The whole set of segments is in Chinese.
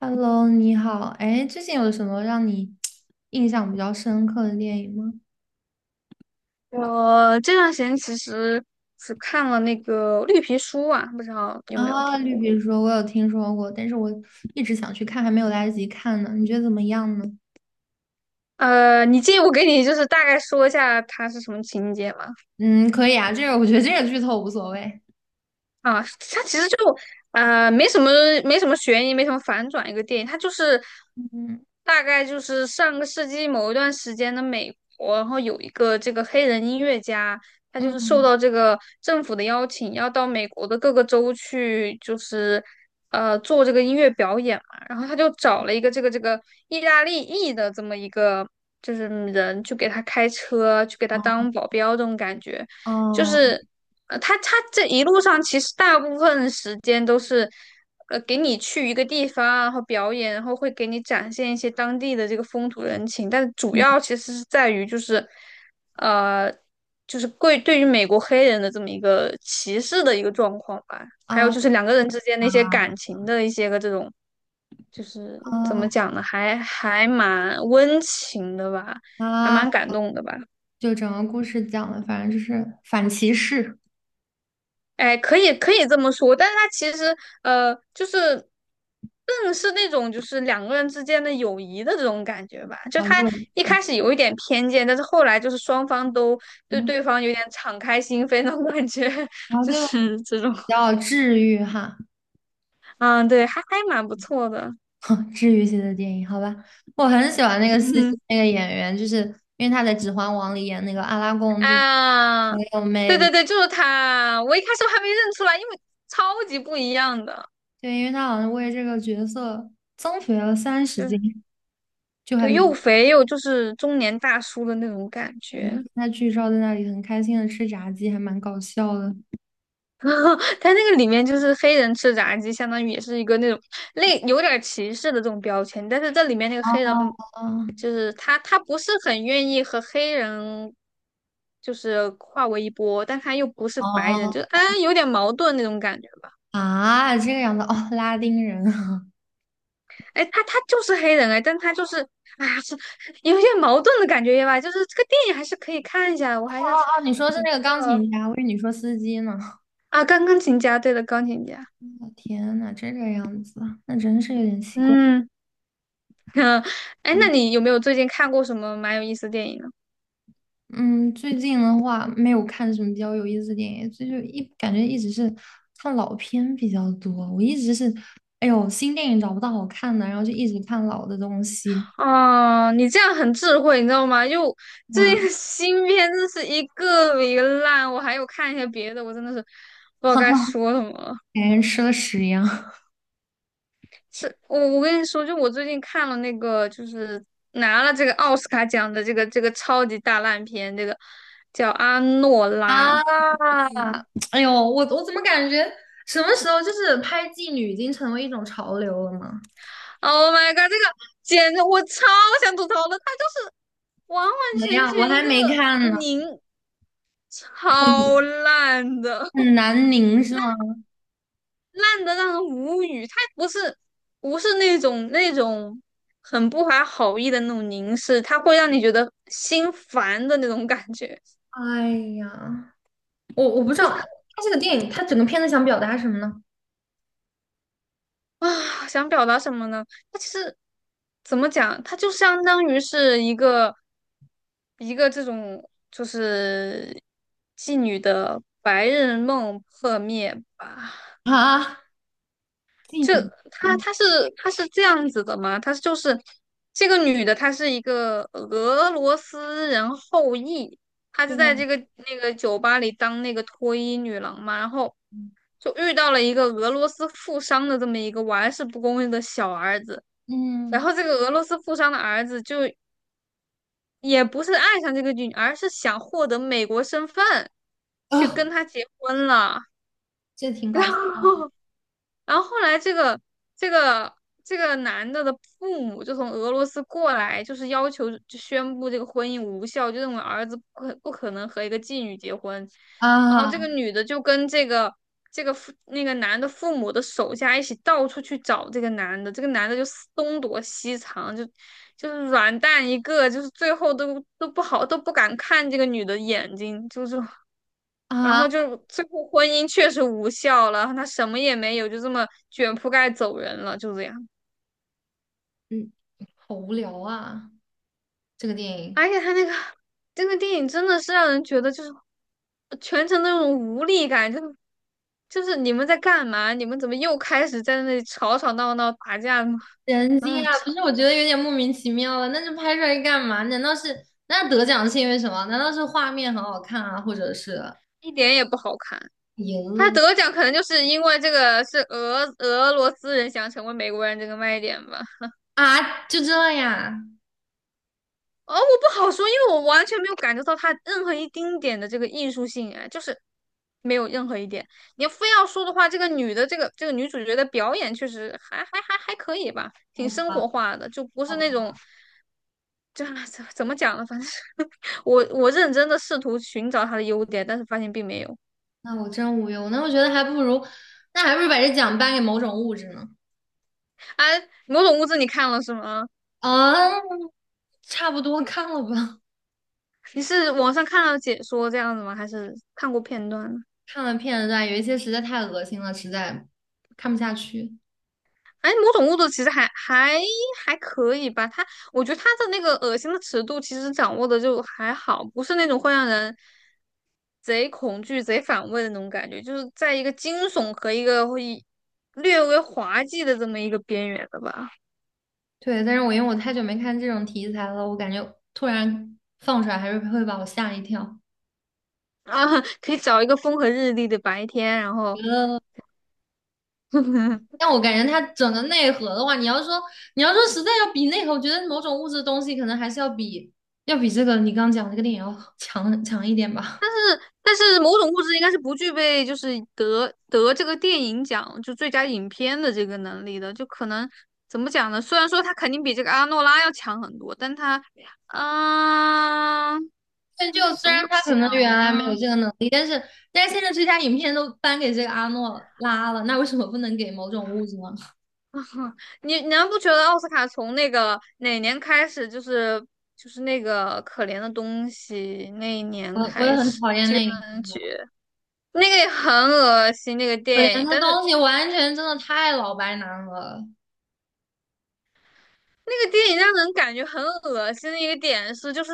Hello，你好。哎，最近有什么让你印象比较深刻的电影吗？我这段时间其实只看了那个《绿皮书》啊，不知道有没有啊，听《绿过？皮书》我有听说过，但是我一直想去看，还没有来得及看呢。你觉得怎么样呢？你介意我给你就是大概说一下它是什么情节吗？嗯，可以啊，这个我觉得这个剧透无所谓。啊，它其实呃没什么没什么悬疑，没什么反转，一个电影，它就是嗯大概就是上个世纪某一段时间的美国，然后有一个这个黑人音乐家，他就是受嗯。到这个政府的邀请，要到美国的各个州去，就是做这个音乐表演嘛，然后他就找了一个这个意大利裔的这么一个就是人去给他开车，去给他当保镖这种感觉。就哦。是他这一路上其实大部分时间都是给你去一个地方啊，然后表演，然后会给你展现一些当地的这个风土人情，但主嗯。要其实是在于就是呃就是对于美国黑人的这么一个歧视的一个状况吧，还啊有就是两个人之间那啊些感情的一些个这种。就是怎啊么讲呢，还蛮温情的吧，还啊！蛮感动的吧。就整个故事讲的，反正就是反歧视，哎，可以可以这么说，但是他其实就是更是那种就是两个人之间的友谊的这种感觉吧。就然他后一就开始有一点偏见，但是后来就是双方都对嗯，对方有点敞开心扉那种感觉，然后就就比是这种，较治愈哈。嗯，对，还蛮不错的，治愈系的电影，好吧，我很喜欢那个司机嗯那个演员，就是因为他在《指环王》里演那个阿拉贡，就是啊，很有对魅力。对对，就是他，我一开始还没认出来，因为超级不一样的，对，因为他好像为这个角色增肥了三十就斤，是就还对，又蛮肥又就是中年大叔的那种感觉。他剧照在那里很开心的吃炸鸡，还蛮搞笑的。嗯，它那个里面就是黑人吃炸鸡，相当于也是一个那种有点儿歧视的这种标签，但是这里面那个黑人啊。就是他不是很愿意和黑人就是化为一波，但他又不是白人，哦。就是啊有点矛盾那种感觉吧。啊，这个样子哦，拉丁人啊。 哎，他就是黑人哎，但他就是啊是有点矛盾的感觉吧，就是这个电影还是可以看一下的。我 还是哦哦，你说是比那个钢较琴家，我以为你说司机呢。啊，钢琴家，对的，钢琴家。我天呐，这个样子啊，那真是有点奇怪。嗯。嗯，哎，那嗯。你有没有最近看过什么蛮有意思的电影呢？嗯，最近的话没有看什么比较有意思的电影，所以就一感觉一直是看老片比较多。我一直是，哎呦，新电影找不到好看的，然后就一直看老的东西哦，你这样很智慧，你知道吗？就呀。最近的 新片真是一个比一个烂，我还有看一些别的，我真的是不知道哈哈，该说什么了。感觉吃了屎一样。 是我跟你说，就我最近看了那个，就是拿了这个奥斯卡奖的这个超级大烂片，这个叫《阿诺拉》。啊！哎呦，我怎么感觉什么时候就是拍妓女已经成为一种潮流了吗？Oh my god!这个简直我超想吐槽的，它就是完完怎么全样？我全一还个没看呢。拧，超很烂的，很南宁是吗？烂的让人无语。他不是那种很不怀好意的那种凝视，他会让你觉得心烦的那种感觉哎呀，我不知道他这个电影，他整个片子想表达什么呢？啊。想表达什么呢？他其实怎么讲，他就相当于是一个这种就是妓女的白日梦破灭吧。啊？妓就女。他嗯，他是他是这样子的吗？他就是这个女的，她是一个俄罗斯人后裔，她就在对。这个那个酒吧里当那个脱衣女郎嘛，然后就遇到了一个俄罗斯富商的这么一个玩世不恭的小儿子，然嗯。后这个俄罗斯富商的儿子就也不是爱上这个女，而是想获得美国身份去啊，跟她结婚了，这挺 然搞笑的。后然后后来这个这个男的的父母就从俄罗斯过来，就是要求就宣布这个婚姻无效，就认为儿子不可能和一个妓女结婚。然后啊这个女的就跟这个那个男的父母的手下一起到处去找这个男的，这个男的就东躲西藏，就是软蛋一个，就是最后都不好都不敢看这个女的眼睛，就是。然啊。后就最后婚姻确实无效了，他什么也没有，就这么卷铺盖走人了，就这样。嗯。好无聊啊，这个电影。而且他那个这个电影真的是让人觉得就是全程那种无力感，就是你们在干嘛？你们怎么又开始在那里吵吵闹闹打架吗？人机啊，啊，不操，是，我觉得有点莫名其妙了，那就拍出来干嘛？难道是那得奖是因为什么？难道是画面很好看啊，或者是一点也不好看。他赢得奖可能就是因为这个是俄罗斯人想成为美国人这个卖点吧。啊？就这样？哦，我不好说，因为我完全没有感受到它任何一丁点的这个艺术性，哎，就是没有任何一点。你要非要说的话，这个女的这个这个女主角的表演确实还可以吧，好挺生吧，活化的，就不好是那种吧，怎么讲呢？反正 我认真的试图寻找她的优点，但是发现并没有。那我真无忧，那我觉得还不如，那还不如把这奖颁给某种物质呢。哎，《某种物质》你看了是吗？啊，差不多看了吧。你是网上看了解说这样子吗？还是看过片段呢？看了片段，有一些实在太恶心了，实在看不下去。哎，某种物质其实还可以吧，我觉得他的那个恶心的尺度其实掌握的就还好，不是那种会让人贼恐惧、贼反胃的那种感觉，就是在一个惊悚和一个会略微滑稽的这么一个边缘的吧。对，但是我因为我太久没看这种题材了，我感觉突然放出来还是会把我吓一跳。啊，可以找一个风和日丽的白天，然后 但我感觉它整个内核的话，你要说实在要比内核，我觉得某种物质的东西可能还是要比这个你刚讲这个电影要强一点吧。但是某种物质应该是不具备就是得这个电影奖就最佳影片的这个能力的，就可能怎么讲呢？虽然说他肯定比这个阿诺拉要强很多，但他，啊，但就虽怎么然他可能原讲来没有呢？这个能力，但是现在最佳影片都颁给这个阿诺拉了，那为什么不能给某种物质呢？你难不觉得奥斯卡从那个哪年开始，就是那个可怜的东西那一 年我也开很始，讨厌居那一然部。那个也很恶心那个可怜电影，的但是东西完全真的太老白男了。那个电影让人感觉很恶心的一个点是，就是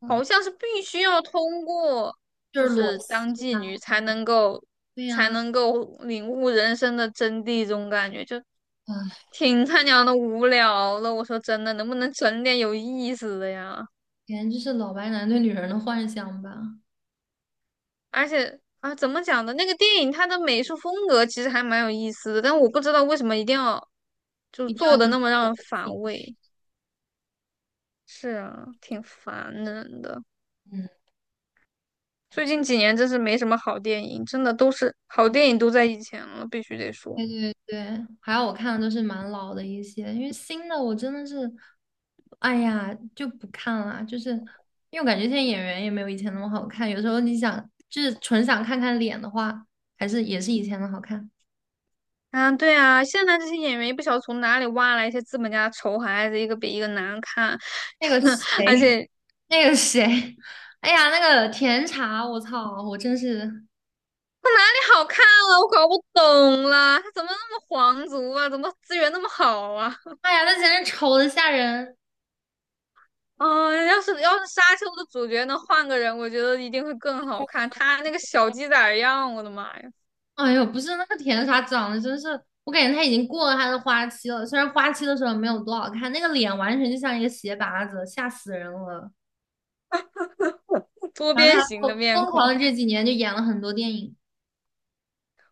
嗯，好像是必须要通过就就是裸是当戏妓啊。女才能够对呀、才啊。能够领悟人生的真谛，这种感觉就哎，挺他娘的无聊的。我说真的，能不能整点有意思的呀？简直就是老白男对女人的幻想吧，而且啊，怎么讲呢？那个电影它的美术风格其实还蛮有意思的，但我不知道为什么一定要就一定要做的用那么让人裸反戏。胃。是啊，挺烦人的。嗯，还最是。近几年真是没什么好电影，真的都是好电影都在以前了，必须得说。对对对，还有我看的都是蛮老的一些，因为新的我真的是，哎呀就不看了，就是因为我感觉现在演员也没有以前那么好看，有时候你想就是纯想看看脸的话，还是也是以前的好看。啊。对啊，现在这些演员也不晓得从哪里挖来一些资本家的丑孩子，一个比一个难看，那个谁。而 且那个谁。哎呀，那个甜茶，我操，我真是，他哪里好看了？我搞不懂了，他怎么那么皇族啊？怎么资源那么好啊？哎呀，那简直丑的吓人！啊，要是《沙丘》的主角能换个人，我觉得一定会更好看。他那个小鸡仔儿样，我的妈呀，哎呦，不是那个甜茶长得真是，我感觉他已经过了他的花期了。虽然花期的时候没有多好看，那个脸完全就像一个鞋拔子，吓死人了。多然后边他形的面孔，狂的这几年就演了很多电影。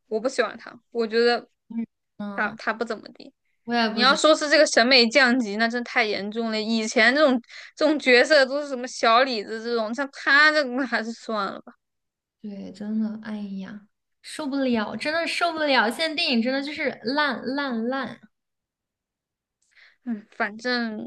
我不喜欢他，我觉得嗯他嗯。他不怎么地。我也你不要行。说是这个审美降级，那真太严重了。以前这种角色都是什么小李子这种，像他这个那 还是算了吧。对，真的，哎呀，受不了，真的受不了！现在电影真的就是烂烂烂。嗯，反正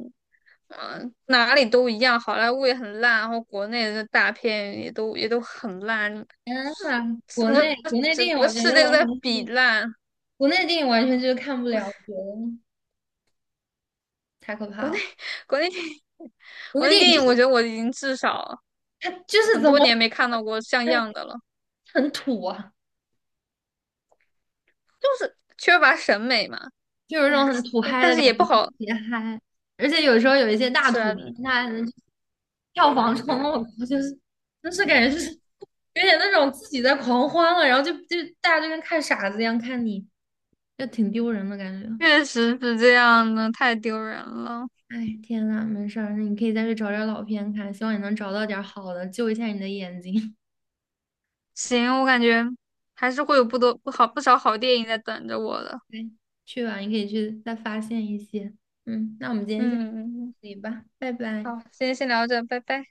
哪里都一样，好莱坞也很烂，然后国内的大片也都很烂，就天是呐，国整个内国内电整影个我觉世得界都完在全比是。烂。国内的电影完全就是看不了，我觉得太可怕国内 了。国内电影，国内国内电影电就是影，我觉得我已经至少它就是很怎多么。年没看到过像样哎，的了，很土啊，就是缺乏审美嘛。就有一种哎，很土但嗨但的是感也不觉，特好，别嗨。而且有时候有一些大是土啊，片，它票房冲我靠，就是感觉就是有点那种自己在狂欢了，然后就大家就跟看傻子一样看你，就挺丢人的感觉。确实是这样的，太丢人了。哎，天呐，没事儿，那你可以再去找点儿老片看，希望你能找到点儿好的，救一下你的眼睛。行，我感觉还是会有不少好电影在等着我的。对，去吧，你可以去再发现一些。嗯，那我们今天先到嗯，嗯嗯。这里吧，拜拜。好，今天先聊这，拜拜。